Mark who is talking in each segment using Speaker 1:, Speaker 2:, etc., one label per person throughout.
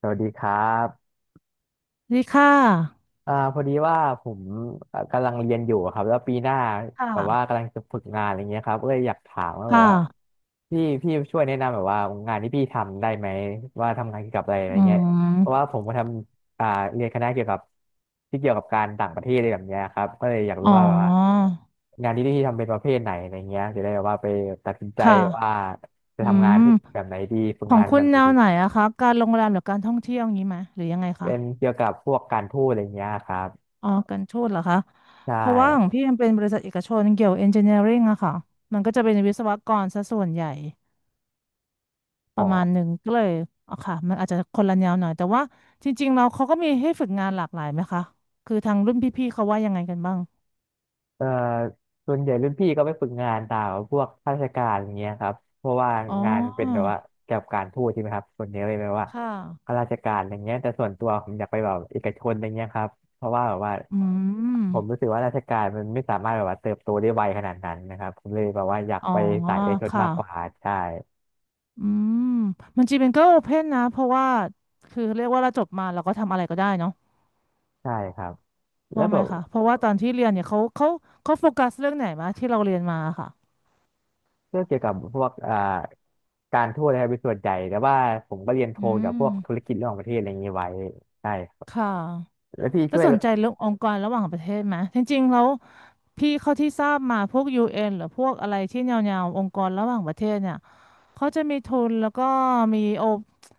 Speaker 1: สวัสดีครับ
Speaker 2: ดีค่ะ
Speaker 1: พอดีว่าผมกำลังเรียนอยู่อะครับแล้วปีหน้าแบบว่า
Speaker 2: ค่ะ
Speaker 1: กำลังจะฝึกงานอะไรเงี้ยครับเอ้ยอยากถามว่าแบบ
Speaker 2: ค่ะ
Speaker 1: ว่าพี่ช่วยแนะนำแบบว่างานที่พี่ทำได้ไหมว่าทำงานเกี่ยวกับอะไรอะไร
Speaker 2: อื
Speaker 1: เงี้ยเพราะว่า
Speaker 2: ม
Speaker 1: ผมก็ทำเรียนคณะเกี่ยวกับที่เกี่ยวกับการต่างประเทศอะไรแบบเนี้ยครับก็เลยอยาก
Speaker 2: อ๋
Speaker 1: รู้ว่าแบบว่า
Speaker 2: อ
Speaker 1: งานที่พี่ทำเป็นประเภทไหนอะไรเงี้ยจะได้แบบว่าไปตัดสินใจ
Speaker 2: ค่ะ
Speaker 1: ว่าจะ
Speaker 2: อื
Speaker 1: ทำงาน
Speaker 2: ม
Speaker 1: ที่แบบไหนดีฝึก
Speaker 2: ของ
Speaker 1: งาน
Speaker 2: คุ
Speaker 1: แบ
Speaker 2: ณ
Speaker 1: บไหน
Speaker 2: แนว
Speaker 1: ดี
Speaker 2: ไหนอะคะ การโรงแรมหรือการท่องเที่ยวอย่างนี้ไหมหรือยังไงคะ
Speaker 1: เป็นเกี่ยวกับพวกการทูตอะไรเงี้ยครับ
Speaker 2: อ๋อการทูตเหรอคะ
Speaker 1: ใช่
Speaker 2: เพราะว่าของพี่มันเป็นบริษัทเอกชนเกี่ยวเอนจิเนียริงอะค่ะ มันก็จะเป็นวิศวกรซะส่วนใหญ่ป
Speaker 1: อ๋อ
Speaker 2: ระมาณหนึ่งก็เลยอ๋อค่ะ มันอาจจะคนละแนวหน่อยแต่ว่าจริงๆเราเขาก็มีให้ฝึกงานหลากหลายไหมคะคือทางรุ่นพี่ๆเขาว่ายังไงกันบ้าง
Speaker 1: เอ่อส่วนใหญ่รุ่นพี่ก็ไปฝึกงานตามพวกข้าราชการอย่างเงี้ยครับเพราะว่า
Speaker 2: อ๋
Speaker 1: งานเป็นแบ
Speaker 2: อ
Speaker 1: บว่าเกี่ยวกับการทูตใช่ไหมครับส่วนใหญ่เลยแบบว่า
Speaker 2: ค่ะ
Speaker 1: ข้าราชการอย่างเงี้ยแต่ส่วนตัวผมอยากไปแบบเอกชนอย่างเงี้ยครับเพราะว่าแบบว่า
Speaker 2: อืม
Speaker 1: ผมรู้สึกว่าราชการมันไม่สามารถแบบว่าเติบโตได้ไวขนาดนั้นนะครับผมเลยแบบว่าอยาก
Speaker 2: อ๋อ
Speaker 1: ไปสายเอกชน
Speaker 2: ค่ะ
Speaker 1: มากกว่าใช่
Speaker 2: อืมมันจริงเป็นก็โอเพนนะเพราะว่าคือเรียกว่าเราจบมาเราก็ทำอะไรก็ได้เนาะ
Speaker 1: ใช่ครับแล้ว
Speaker 2: ว่าไห
Speaker 1: แบ
Speaker 2: ม
Speaker 1: บ
Speaker 2: คะเพราะว่าตอนที่เรียนเนี่ยเขาเขาโฟกัสเรื่องไหนมาที่เราเรียนมาค่ะ
Speaker 1: เรื่องเกี่ยวกับพวกการทูตนะครับเป็นส่วนใหญ่แต่ว่าผมก็เรียนโท
Speaker 2: อื
Speaker 1: เกี่ยว
Speaker 2: ม
Speaker 1: กับพวกธุรกิจระหว่างประเทศอะไรอย่างนี้ไว้ใช่
Speaker 2: ค่ะ
Speaker 1: แล้วพี่
Speaker 2: แล้
Speaker 1: ช่
Speaker 2: ว
Speaker 1: วย
Speaker 2: สนใจเรื่ององค์กรระหว่างประเทศไหมจริงๆแล้วพี่เขาที่ทราบมาพวกยูเอ็นหรือพวกอะไรที่แนวๆองค์กรระหว่างประเทศเนี่ยเขาจะมีทุนแล้วก็มีโอ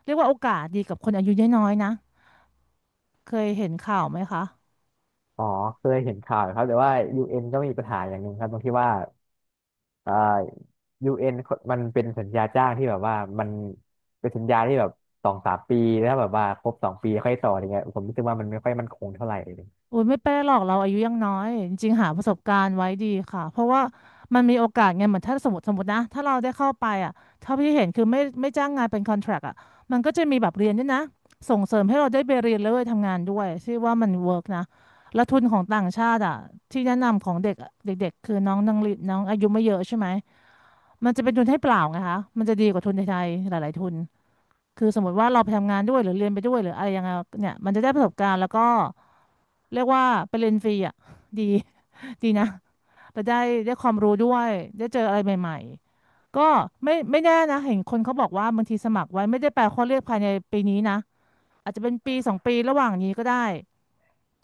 Speaker 2: เรียกว่าโอกาสดีกับคนอายุน้อยๆนะเคยเห็นข่าวไหมคะ
Speaker 1: อ๋อเคยเห็นข่าวอยู่ครับแต่ว่ายูเอ็นก็มีปัญหาอย่างหนึ่งครับตรงที่ว่าอ่า UN มันเป็นสัญญาจ้างที่แบบว่ามันเป็นสัญญาที่แบบสองสามปีแล้วแบบว่าครบสองปีค่อยต่ออะไรเงี้ยผมรู้สึกว่ามันไม่ค่อยมั่นคงเท่าไหร่เลย
Speaker 2: โอ้ยไม่เป็นไรหรอกเราอายุยังน้อยจริงๆหาประสบการณ์ไว้ดีค่ะเพราะว่ามันมีโอกาสไงเหมือนถ้าสมมตินะถ้าเราได้เข้าไปอ่ะเท่าที่เห็นคือไม่จ้างงานเป็นคอนแทรคอ่ะมันก็จะมีแบบเรียนด้วยนะส่งเสริมให้เราได้ไปเรียนแล้วไปทำงานด้วยชื่อว่ามันเวิร์กนะและทุนของต่างชาติอ่ะที่แนะนำของเด็กเด็กๆคือน้องนังลิน้องอายุไม่เยอะใช่ไหมมันจะเป็นทุนให้เปล่าไงคะมันจะดีกว่าทุนไทยๆหลายๆทุนคือสมมติว่าเราไปทำงานด้วยหรือเรียนไปด้วยหรืออะไรยังไงเนี่ยมันจะได้ประสบการณ์แล้วก็ เรียกว่าไปเรียนฟรีอ่ะดี ดีนะไปได้ได้ความรู้ด้วยได้เจออะไรใหม่ๆก็ไม่แน่นะเห็นคนเขาบอกว่าบางทีสมัครไว้ไม่ได้แปลข้อเรียกภายในปีนี้นะอาจจะเป็นปีสองปีระหว่างนี้ก็ได้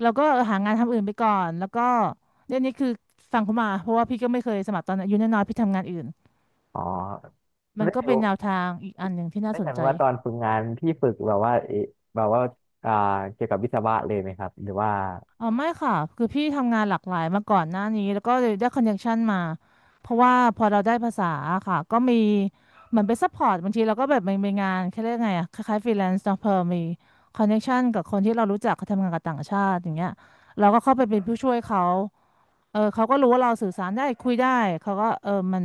Speaker 2: เราก็หางานทำอื่นไปก่อนแล้วก็เรื่องนี้คือฟังเขามาเพราะว่าพี่ก็ไม่เคยสมัครตอนอายุน้อยๆพี่ทำงานอื่น
Speaker 1: อ๋อ
Speaker 2: มัน
Speaker 1: แล้ว
Speaker 2: ก็
Speaker 1: เดี๋ย
Speaker 2: เป็
Speaker 1: ว
Speaker 2: นแนวทางอีกอันหนึ่งที่น่า
Speaker 1: แล้ว
Speaker 2: ส
Speaker 1: อ
Speaker 2: น
Speaker 1: ย่าง
Speaker 2: ใจ
Speaker 1: ว่าตอนฝึกงานพี่ฝึกแบบว่าเอแบบว่าอ่าเกี่ยวกับวิศวะเลยไหมครับหรือว่า
Speaker 2: อ๋อไม่ค่ะคือพี่ทำงานหลากหลายมาก่อนหน้านี้แล้วก็เลยได้คอนเนคชันมาเพราะว่าพอเราได้ภาษาค่ะก็มีเหมือนไปซัพพอร์ตบางทีเราก็แบบมีงานแค่เรียกไงอะคล้ายๆฟรีแลนซ์เนาะเพอมีคอนเนคชันกับคนที่เรารู้จักเขาทำงานกับต่างชาติอย่างเงี้ยเราก็เข้าไปเป็นผู้ช่วยเขาเออเขาก็รู้ว่าเราสื่อสารได้คุยได้เขาก็เออมัน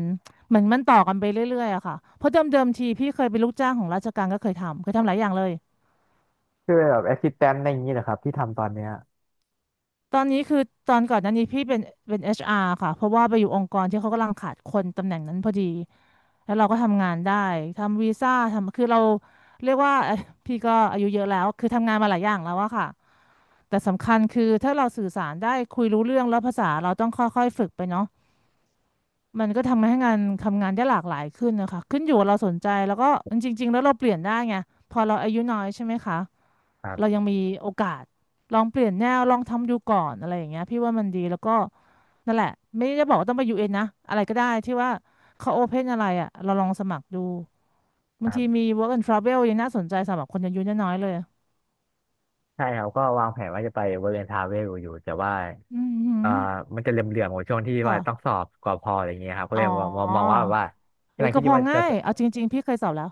Speaker 2: เหมือนมันต่อกันไปเรื่อยๆอะค่ะเพราะเดิมๆทีพี่เคยเป็นลูกจ้างของราชการก็เคยทำหลายอย่างเลย
Speaker 1: ช่วยแบบแอสซิสแตนต์อะไรอย่างนี้เหรอครับที่ทำตอนเนี้ย
Speaker 2: ตอนนี้คือตอนก่อนหน้านี้พี่เป็น HR ค่ะเพราะว่าไปอยู่องค์กรที่เขากำลังขาดคนตำแหน่งนั้นพอดีแล้วเราก็ทำงานได้ทำวีซ่าทำคือเราเรียกว่า พี่ก็อายุเยอะแล้วคือทำงานมาหลายอย่างแล้วอะค่ะแต่สำคัญคือถ้าเราสื่อสารได้คุยรู้เรื่องแล้วภาษาเราต้องค่อยๆฝึกไปเนาะมันก็ทำให้งานทำงานได้หลากหลายขึ้นนะคะขึ้นอยู่กับเราสนใจแล้วก็จริงๆแล้วเราเปลี่ยนได้ไงพอเราอายุน้อยใช่ไหมคะ
Speaker 1: ครั
Speaker 2: เรายั
Speaker 1: บ
Speaker 2: งมีโอกาสลองเปลี่ยนแนวลองทำดูก่อนอะไรอย่างเงี้ยพี่ว่ามันดีแล้วก็นั่นแหละไม่ได้บอกว่าต้องไปยูเอ็นนะอะไรก็ได้ที่ว่าเขาโอเพนอะไรอ่ะเราลองสมัครดู
Speaker 1: ค
Speaker 2: บาง
Speaker 1: รั
Speaker 2: ทีมี
Speaker 1: บ
Speaker 2: work and travel ยังน่าสนใจสำหรับคนอายุน้อยๆเลย
Speaker 1: ใช่ครับก็วางแผนว่าจะไปบริเวณทาเวลอยู่แต่ว่า
Speaker 2: อืมหื
Speaker 1: อ่า
Speaker 2: ม
Speaker 1: มันจะเหลื่อมๆกว่าช่วงที่ว่าต้อง
Speaker 2: ค่ะ
Speaker 1: สอบกว่าพออะไรเงี้ยครับก็
Speaker 2: อ๋
Speaker 1: เล
Speaker 2: อ
Speaker 1: ยมองว่าแบบว่ากำ
Speaker 2: อุ้
Speaker 1: ลั
Speaker 2: ย
Speaker 1: งคิ
Speaker 2: ก็
Speaker 1: ดอ
Speaker 2: พ
Speaker 1: ยู่
Speaker 2: อ
Speaker 1: ว่าจะ
Speaker 2: ง่ายเอาจริงๆพี่เคยสอบแล้ว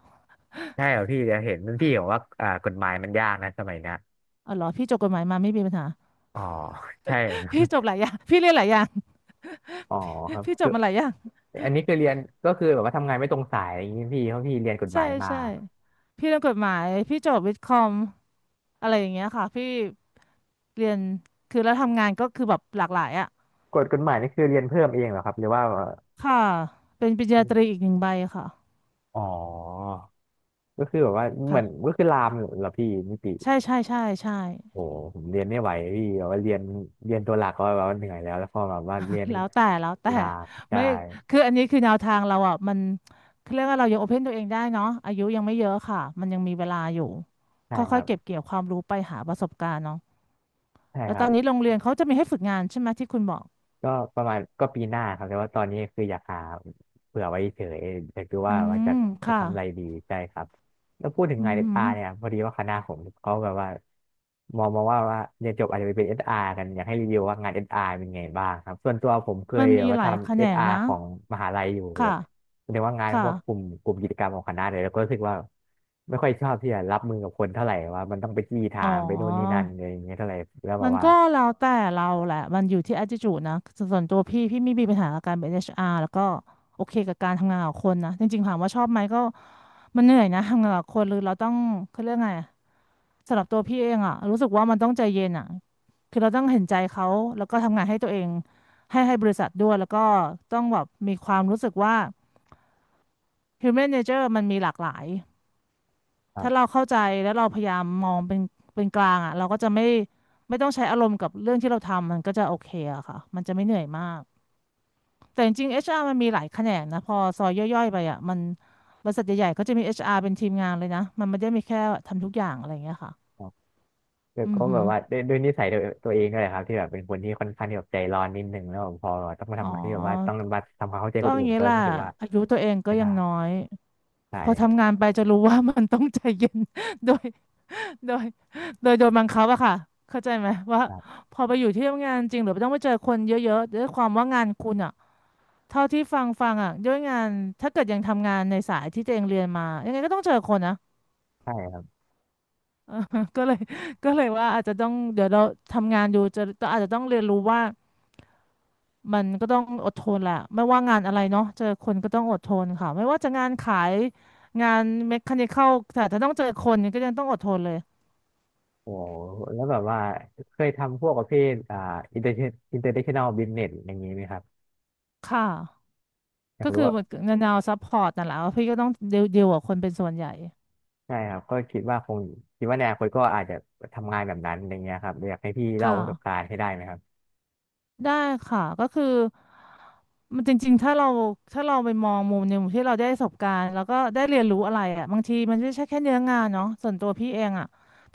Speaker 1: ใช่เหรอพี่จะเห็นรุ่นพี่บอกว่ากฎหมายมันยากนะสมัยเนี้ย
Speaker 2: อ๋อเหรอพี่จบกฎหมายมาไม่มีปัญหา
Speaker 1: อ๋อใช่ อ
Speaker 2: พี่จบหลายอย่างพี่เรียนหลายอย่าง
Speaker 1: อ๋อครับ
Speaker 2: พี่จ
Speaker 1: คือ
Speaker 2: บมาหลายอย่าง
Speaker 1: อันนี้คือเรียนก็คือแบบว่าทำงานไม่ตรงสายอย่างนี้พี่เพราะพี่เรียนกฎห
Speaker 2: ใช่
Speaker 1: มายมา
Speaker 2: ใช่พี่เรียนกฎหมายพี่จบวิทย์คอมอะไรอย่างเงี้ยค่ะพี่ เรียนคือแล้วทำงานก็คือแบบหลากหลายอ่ะ
Speaker 1: กฎหมายนี่คือเรียนเพิ่มเองเหรอครับหรือว่า
Speaker 2: ค่ะเป็นปริญญาตรีอีกหนึ่งใบค่ะ
Speaker 1: อ๋อก็คือแบบว่าเหมือน
Speaker 2: ค่ะ
Speaker 1: ก็คือลามเหรอพี่นิติ
Speaker 2: ใช่ใช่ใช่ใช่
Speaker 1: โอ้โหผมเรียนไม่ไหวพี่แบบว่าเรียนตัวหลักก็แบบว่าเหนื่อยแล้วแล้วพอแบบว่าเรียน
Speaker 2: แล้วแต่แล้วแต่
Speaker 1: ลามใช่
Speaker 2: ไม่คืออันนี้คือแนวทางเราอ่ะมันคือเรียกว่าเรายังโอเพนตัวเองได้เนาะอายุยังไม่เยอะค่ะมันยังมีเวลาอยู่
Speaker 1: ใช่ค
Speaker 2: ค่อ
Speaker 1: รั
Speaker 2: ย
Speaker 1: บ
Speaker 2: ๆเก็บเกี่ยวความรู้ไปหาประสบการณ์เนาะ
Speaker 1: ใช่
Speaker 2: แล้
Speaker 1: ค
Speaker 2: วต
Speaker 1: รั
Speaker 2: อ
Speaker 1: บ
Speaker 2: นนี้โรงเรียนเขาจะมีให้ฝึกงานใช่ไหมที่คุณบอก
Speaker 1: ก็ประมาณก็ปีหน้าครับแต่ว่าตอนนี้คืออยากหาเผื่อไว้เฉยอยากดู
Speaker 2: อื
Speaker 1: ว่าว่า
Speaker 2: ม
Speaker 1: จะจะ
Speaker 2: ค่ะ
Speaker 1: ทำอะไรดีใช่ครับแล้วพูดถึง
Speaker 2: อื
Speaker 1: งาน
Speaker 2: อ
Speaker 1: เอส
Speaker 2: หือ
Speaker 1: อาร์เนี่ยพอดีว่าคณะผมเขาแบบว่ามองมาว่าว่าเรียนจบอาจจะไปเป็นเอสอาร์กันอยากให้รีวิวว่างานเอสอาร์เป็นไงบ้างครับส่วนตัวผมเค
Speaker 2: มั
Speaker 1: ย
Speaker 2: น
Speaker 1: แบ
Speaker 2: มี
Speaker 1: บว่า
Speaker 2: หลายแข
Speaker 1: ทำเอ
Speaker 2: น
Speaker 1: ส
Speaker 2: ง
Speaker 1: อาร์
Speaker 2: นะ
Speaker 1: ของมหาลัยอยู่แบบ
Speaker 2: ค่ะ
Speaker 1: แสดงว่างาน
Speaker 2: ค่ะ
Speaker 1: พวกกลุ่มกิจกรรมของคณะเลยแล้วก็รู้สึกว่าไม่ค่อยชอบที่จะรับมือกับคนเท่าไหร่ว่ามันต้องไปจี้ถา
Speaker 2: อ๋อ
Speaker 1: มไปนู่นนี่นั่นอะไรอย่างเงี้ยเท่าไหร่แล้วแบ
Speaker 2: มั
Speaker 1: บ
Speaker 2: น
Speaker 1: ว่า
Speaker 2: ก็แล้วแต่เราแหละมันอยู่ที่ attitude นะส่วนตัวพี่ไม่มีปัญหากับการเป็นเอชอาร์แล้วก็โอเคกับการทำงานกับคนนะจริงๆถามว่าชอบไหมก็มันเหนื่อยนะทำงานกับคนหรือเราต้องเขาเรียกไงอะสำหรับตัวพี่เองอะรู้สึกว่ามันต้องใจเย็นอะคือเราต้องเห็นใจเขาแล้วก็ทำงานให้ตัวเองให้บริษัทด้วยแล้วก็ต้องแบบมีความรู้สึกว่า human nature มันมีหลากหลาย
Speaker 1: ครั
Speaker 2: ถ้าเรา
Speaker 1: บ
Speaker 2: เข้าใจแล้วเราพยายามมองเป็นเป็นกลางอ่ะเราก็จะไม่ต้องใช้อารมณ์กับเรื่องที่เราทำมันก็จะโอเคอะค่ะมันจะไม่เหนื่อยมากแต่จริงๆ HR มันมีหลายแขนงนะพอซอยย่อยๆไปอ่ะมันบริษัทใหญ่ๆก็จะมี HR เป็นทีมงานเลยนะมันไม่ได้มีแค่ทำทุกอย่างอะไรอย่างเงี้ยค่ะ
Speaker 1: เดี๋ยว
Speaker 2: อื
Speaker 1: ก็
Speaker 2: อหื
Speaker 1: แบบ
Speaker 2: อ
Speaker 1: ว่าด้วยนิสัยตัวเองด้วยแหละครับที่แบบเป็นคนที่ค่อนข้างที่แบบใจร้อนนิดนึงแล้วแบบพอต้องมา
Speaker 2: อ๋อ
Speaker 1: ทำงานที่แบบว่าต้องมาทำความเข้าใจ
Speaker 2: ก็
Speaker 1: คน
Speaker 2: อย่า
Speaker 1: อื่
Speaker 2: ง
Speaker 1: น
Speaker 2: นี้
Speaker 1: ก็
Speaker 2: แหละ
Speaker 1: รู้สึกว่า
Speaker 2: อายุตัวเองก็
Speaker 1: ไม่
Speaker 2: ยั
Speaker 1: ได้
Speaker 2: งน้อย
Speaker 1: ใ
Speaker 2: พอ
Speaker 1: ช่
Speaker 2: ทำงานไปจะรู้ว่า มันต้องใจเย็น ด้วย โดย โดยโดนบังคับอะค่ะเข้าใจไหมว่า
Speaker 1: ครับ
Speaker 2: พอไปอยู่ที่ทำงานจริงหรือต้องไปเจอคนเยอะๆด้วยความว่างานคุณอะเท่าที่ฟังอะด้วยงานถ้าเกิดยังทำงานในสายที่ตัวเองเรียนมายังไงก็ต้องเจอคนนะ
Speaker 1: ใช่ครับ
Speaker 2: ก็เลย ก็เลยว่าอาจจะต้องเดี๋ยวเราทำงานอยู่จะอาจจะต้องเรียนรู้ว่ามันก็ต้องอดทนแหละไม่ว่างานอะไรเนาะเจอคนก็ต้องอดทนค่ะไม่ว่าจะงานขายงานเมคานิคอลแต่ถ้าต้องเจอคนก็ยังต้องอดทนเลย
Speaker 1: โอ้โหแล้วแบบว่าเคยทำพวกประเภทอินเตอร์อินเตอร์เนชั่นแนลบิสเนสอย่างนี้ไหมครับ
Speaker 2: ค่ะ
Speaker 1: อยา
Speaker 2: ก็
Speaker 1: กรู้
Speaker 2: คือ
Speaker 1: ว่า
Speaker 2: เหมือนแนวซัพพอร์ตนั่นแหละว่าพี่ก็ต้องเดียวกับคนเป็นส่วนใหญ่
Speaker 1: ใช่ครับก็คิดว่าคงคิดว่าในอนาคตก็อาจจะทำงานแบบนั้นอย่างเงี้ยครับอยากให้พี่เล่าประสบ
Speaker 2: ค่ะ
Speaker 1: การณ์ให้ได้ไหมครับ
Speaker 2: ได้ค่ะก็คือมันจริงๆถ้าเราไปมองมุมหนึ่งที่เราได้ประสบการณ์แล้วก็ได้เรียนรู้อะไรอ่ะบางทีมันไม่ใช่แค่เนื้องานเนาะส่วนตัวพี่เองอ่ะ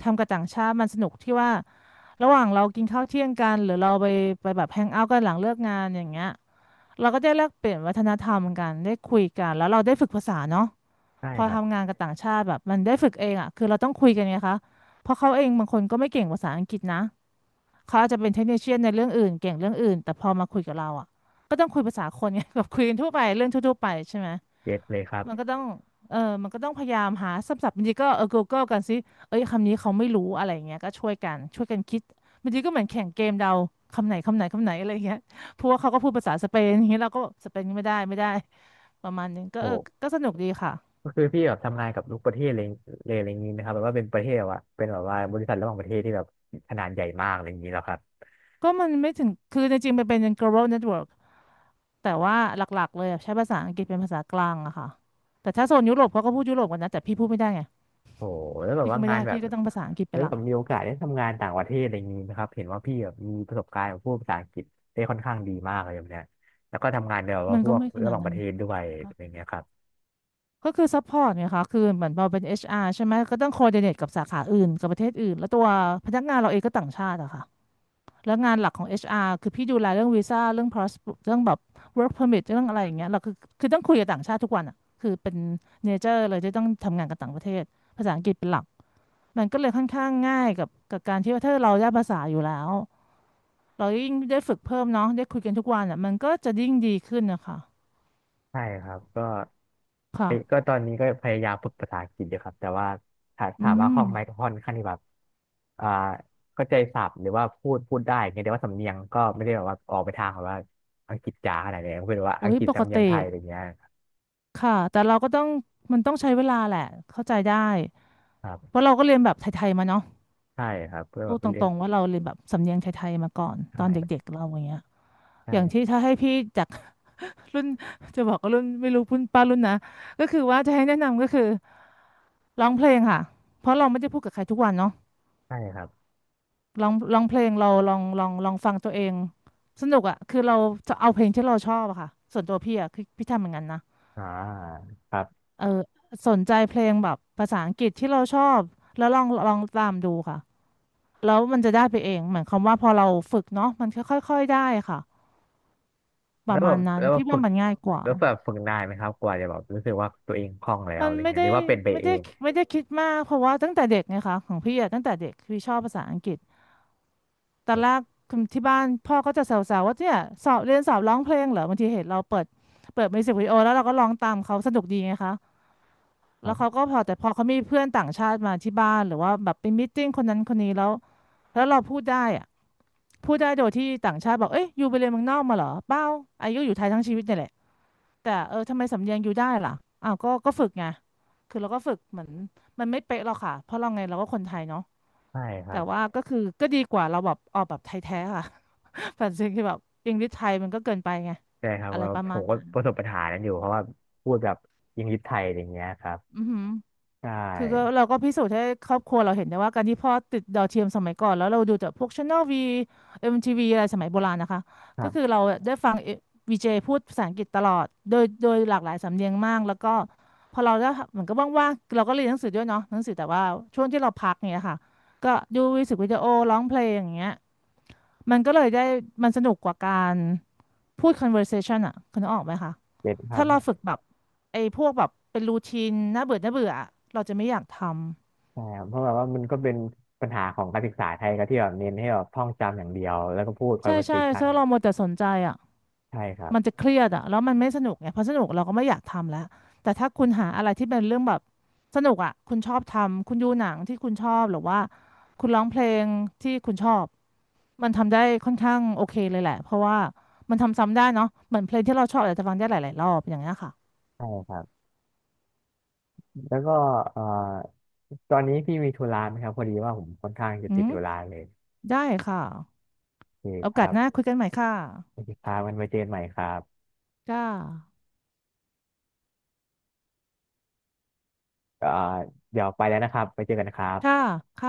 Speaker 2: ทำกับต่างชาติมันสนุกที่ว่าระหว่างเรากินข้าวเที่ยงกันหรือเราไปแบบแฮงเอาท์กันหลังเลิกงานอย่างเงี้ยเราก็ได้แลกเปลี่ยนวัฒนธรรมกันได้คุยกันแล้วเราได้ฝึกภาษาเนาะ
Speaker 1: ใช่
Speaker 2: พอ
Speaker 1: ครับ
Speaker 2: ทำงานกับต่างชาติแบบมันได้ฝึกเองอ่ะคือเราต้องคุยกันไงคะเพราะเขาเองบางคนก็ไม่เก่งภาษาอังกฤษนะเขาอาจจะเป็นเทคนิคเชียนในเรื่องอื่นเก่งเรื่องอื่นแต่พอมาคุยกับเราอ่ะก็ต้องคุยภาษาคนไง แบบคุยกันทั่วไปเรื่องทั่วๆไปใช่ไหม
Speaker 1: เก็ตเลยครั
Speaker 2: มันก็
Speaker 1: บ
Speaker 2: ต้องเออมันก็ต้องพยายามหาศัพท์บางทีก็เออ Google กันสิเอ้ยคำนี้เขาไม่รู้อะไรอย่างเงี้ยก็ช่วยกันคิดบางทีก็เหมือนแข่งเกมเดาคำไหนอะไรอย่างเงี้ยเพราะว่าเขาก็พูดภาษาสเปนอย่างเงี้ยเราก็สเปนไม่ได้ประมาณนึงก็เออ
Speaker 1: โห
Speaker 2: ก็สนุกดีค่ะ
Speaker 1: ก็คือพี่แบบทำงานกับทุกประเทศเลยเลยอะไรอย่างนี้นะครับแบบว่าเป็นประเทศแบบว่าเป็นแบบว่าบริษัทระหว่างประเทศที่แบบขนาดใหญ่มากอะไรอย่างนี้แล้วครับ
Speaker 2: ก็มันไม่ถึง คือจริงๆมันเป็น global network แต่ว่าหลักๆเลยอะใช้ภาษาอังกฤษเป็นภาษากลางอะค่ะแต่ถ้าโซนยุโรปเขาก็พูดยุโรปกันนะแต่พี่พูดไม่ได้ไง
Speaker 1: โอ้โหแล้วแบบ
Speaker 2: พี่ก็
Speaker 1: ว่า
Speaker 2: ไม่
Speaker 1: งาน
Speaker 2: ได้
Speaker 1: แบบ
Speaker 2: พี่ก็ต้องภาษาอังกฤษ
Speaker 1: แล้
Speaker 2: เป็
Speaker 1: ว
Speaker 2: นห
Speaker 1: แบ
Speaker 2: ลัก
Speaker 1: บมีโอกาสได้ทำงานต่างประเทศอะไรอย่างนี้นะครับเห็นว่าพี่แบบมีประสบการณ์กับพวกภาษาอังกฤษได้ค่อนข้างดีมากเลยแบบเนี้ยแล้วก็ทำงานในแบบว่า
Speaker 2: มัน
Speaker 1: พ
Speaker 2: ก็
Speaker 1: วก
Speaker 2: ไม่ข
Speaker 1: ระ
Speaker 2: นา
Speaker 1: ห
Speaker 2: ด
Speaker 1: ว่างป
Speaker 2: นั้
Speaker 1: ระ
Speaker 2: น
Speaker 1: เท
Speaker 2: นะ
Speaker 1: ศด้วย
Speaker 2: คะ
Speaker 1: อะไรเงี้ยครับ
Speaker 2: ก็คือ support ไงคะคือเหมือนเราเป็น HR ใช่ไหม ก็ต้อง coordinate กับสาขาอื่น กับประเทศอื่นแล้วตัวพนักงานเราเองก็ต่างชาติอะค่ะแล้วงานหลักของ HR คือพี่ดูแลเรื่องวีซ่าเรื่อง pass เรื่องแบบ work permit เรื่องอะไรอย่างเงี้ยเราคือคือต้องคุยกับต่างชาติทุกวันอะคือเป็น nature เลยที่ต้องทำงานกับต่างประเทศภาษาอังกฤษเป็นหลัก มันก็เลยค่อนข้างง่ายกับการที่ว่าถ้าเราได้ภาษาอยู่แล้วเรายิ่งได้ฝึกเพิ่มเนาะได้คุยกันทุกวันอ่ะมันก็จะยิ่งดีขึ้นนะคะ
Speaker 1: ใช่ครับก็เอ้ยก็
Speaker 2: ค่ะ
Speaker 1: ตอนนี้ก็พยายามฝึกภาษาอังกฤษอยู่ครับแต่ว่าถา
Speaker 2: อื
Speaker 1: ถามว่าค
Speaker 2: ม
Speaker 1: ล่องไหมก็ค่อนข้างที่แบบอ่าเข้าใจศัพท์หรือว่าพูดได้อย่างเงี้ยแต่ว่าสำเนียงก็ไม่ได้แบบว่าออกไปทางแบบว่าอังกฤษจ๋าขนาดนี้ก็เป็นว่า
Speaker 2: โอ้
Speaker 1: อัง
Speaker 2: ย
Speaker 1: กฤษ
Speaker 2: ปก
Speaker 1: สำเนีย
Speaker 2: ติ
Speaker 1: งไทยอะไรเงี้ย
Speaker 2: ค่ะแต่เราก็ต้องมันต้องใช้เวลาแหละเข้าใจได้
Speaker 1: ครั
Speaker 2: เพ
Speaker 1: บ
Speaker 2: ราะเราก็เรียนแบบไทยๆมาเนาะ
Speaker 1: ใช่ครับเพื่อ
Speaker 2: พู
Speaker 1: แบ
Speaker 2: ด
Speaker 1: บเป็
Speaker 2: ต
Speaker 1: นเรียน
Speaker 2: รงๆว่าเราเรียนแบบสำเนียงไทยๆมาก่อนตอน
Speaker 1: ใช่
Speaker 2: เด็กๆเราอย่างเงี้ยอย่างที่
Speaker 1: ใช่
Speaker 2: ถ้าให้พี่จาก รุ่น จะบอกว่ารุ่นไม่รู้รุ่นป้ารุ่นนะก็คือว่าจะให้แนะนำก็คือร้องเพลงค่ะเพราะเราไม่ได้พูดกับใครทุกวันเนาะ
Speaker 1: ใช่ครับ
Speaker 2: ร้องเพลงเราลองฟังตัวเองสนุกอ่ะคือเราจะเอาเพลงที่เราชอบอะค่ะส่วนตัวพี่อ่ะคือพี่ทำเหมือนกันนะ
Speaker 1: อ่าครับ
Speaker 2: เออสนใจเพลงแบบภาษาอังกฤษที่เราชอบแล้วลองตามดูค่ะแล้วมันจะได้ไปเองเหมือนคำว่าพอเราฝึกเนาะมันค่อยๆค่อยได้ค่ะป
Speaker 1: แล้
Speaker 2: ระ
Speaker 1: วแบ
Speaker 2: มาณ
Speaker 1: บ
Speaker 2: นั้น
Speaker 1: แล้วแบบ
Speaker 2: พี่
Speaker 1: ฝึ
Speaker 2: ว่า
Speaker 1: ก
Speaker 2: มันง่ายกว่า
Speaker 1: แล้วแบบฝึกนานไหมครับกว่าจะแบบรู้สึกว่าตัวเองคล่องแล้ว
Speaker 2: มัน
Speaker 1: อะไร
Speaker 2: ไม่
Speaker 1: เงี้ยห
Speaker 2: ได้
Speaker 1: รือว่าเป็นไป
Speaker 2: ไม่
Speaker 1: เอ
Speaker 2: ได้
Speaker 1: ง
Speaker 2: ไม่ได้คิดมากเพราะว่าตั้งแต่เด็กไงคะของพี่อะตั้งแต่เด็กพี่ชอบภาษาอังกฤษ ตอนแรกคุณที่บ้านพ่อก็จะแซวๆว่าเนี่ยสอบเรียนสอบร้องเพลงเหรอบางทีเห็นเราเปิดมิวสิกวิดีโอแล้วเราก็ร้องตามเขาสนุกดีไงคะ
Speaker 1: ค
Speaker 2: แล้
Speaker 1: รั
Speaker 2: วเขา
Speaker 1: บ
Speaker 2: ก็พอแต่พอเขามีเพื่อนต่างชาติมาที่บ้านหรือว่าแบบไปมีตติ้งคนนั้นคนนี้แล้วเราพูดได้อะพูดได้โดยที่ต่างชาติบอกเอ้ยยูไปเรียนเมืองนอกมาเหรอเปล่าอายุอยู่ไทยทั้งชีวิตเนี่ยแหละแต่เออทำไมสำเนียงยูได้ล่ะอ้าวก็ฝึกไงคือเราก็ฝึกเหมือนมันไม่เป๊ะหรอกค่ะเพราะเราไงเราก็คนไทยเนาะ
Speaker 1: ใช่ค
Speaker 2: แต่
Speaker 1: รับ
Speaker 2: ว่าก็คือก็ดีกว่าเราแบบออกแบบไทยแท้ค่ะ แต่จริงคือแบบอิงดิชไทยมันก็เกินไปไง
Speaker 1: ใช่ครับ
Speaker 2: อะไร
Speaker 1: ก็
Speaker 2: ประ
Speaker 1: ผ
Speaker 2: มาณ
Speaker 1: มก็
Speaker 2: นั้น
Speaker 1: ประสบปัญหานั้นอยู่เพราะว่าพูดแบบยิงยิบไทยอะไรเงี้ยครับ
Speaker 2: อือหือ
Speaker 1: ใช
Speaker 2: คือก็
Speaker 1: ่
Speaker 2: เราก็พิสูจน์ให้ครอบครัวเราเห็นได้ว่าการที่พ่อติดดาวเทียมสมัยก่อนแล้วเราดูจากพวก Channel V MTV อมทีวีอะไรสมัยโบราณนะคะ
Speaker 1: ค
Speaker 2: ก็
Speaker 1: รั
Speaker 2: คือ
Speaker 1: บ
Speaker 2: เราได้ฟังวีเจพูดภาษาอังกฤษตลอดโดยหลากหลายสำเนียงมากแล้วก็พอเราได้เหมือนก็ว่างๆเราก็เรียนหนังสือด้วยเนาะหนังสือแต่ว่าช่วงที่เราพักเนี่ยค่ะก็ดูมิวสิกวิดีโอร้องเพลงอย่างเงี้ยมันก็เลยได้มันสนุกกว่าการพูด conversation อ่ะคุณนึกออกไหมคะ
Speaker 1: เก็ตครั
Speaker 2: ถ้า
Speaker 1: บ
Speaker 2: เราฝึกแบบไอ้พวกแบบเป็นรูทีนน่าเบื่ออะเราจะไม่อยากทำ
Speaker 1: ใช่ครับเพราะแบบว่ามันก็เป็นปัญหาของการศึกษาไทยก็ที่แบบเน้นให้แบบท่องจำอย่างเดียวแล้วก็พูด
Speaker 2: ใช่ใช่
Speaker 1: conversation
Speaker 2: ถ้าเรามัวแต่สนใจอ่ะ
Speaker 1: ใช่ครับ
Speaker 2: มันจะเครียดอ่ะแล้วมันไม่สนุกไงพอสนุกเราก็ไม่อยากทำแล้วแต่ถ้าคุณหาอะไรที่เป็นเรื่องแบบสนุกอ่ะคุณชอบทำคุณดูหนังที่คุณชอบหรือว่าคุณร้องเพลงที่คุณชอบมันทำได้ค่อนข้างโอเคเลยแหละเพราะว่ามันทำซ้ำได้เนาะเหมือนเพลงที่เราชอบอาจจะฟังได้หลายๆรอบอย่างเงี้ยค่ะ
Speaker 1: ใช่ครับแล้วก็เอ่อตอนนี้พี่มีธุระไหมครับพอดีว่าผมค่อนข้างจะ
Speaker 2: อื
Speaker 1: ติด
Speaker 2: ม
Speaker 1: ธุระเลย
Speaker 2: ได้ค่ะ
Speaker 1: โอเค
Speaker 2: โอ
Speaker 1: ค
Speaker 2: กา
Speaker 1: รั
Speaker 2: สหน้า
Speaker 1: บ
Speaker 2: คุยกันใหม่ค่ะ
Speaker 1: โอเคครับมันไว้เจอกันใหม่ครับ
Speaker 2: ค่ะ
Speaker 1: เอ่อเดี๋ยวไปแล้วนะครับไปเจอกันนะครับ
Speaker 2: ค่ะค่ะ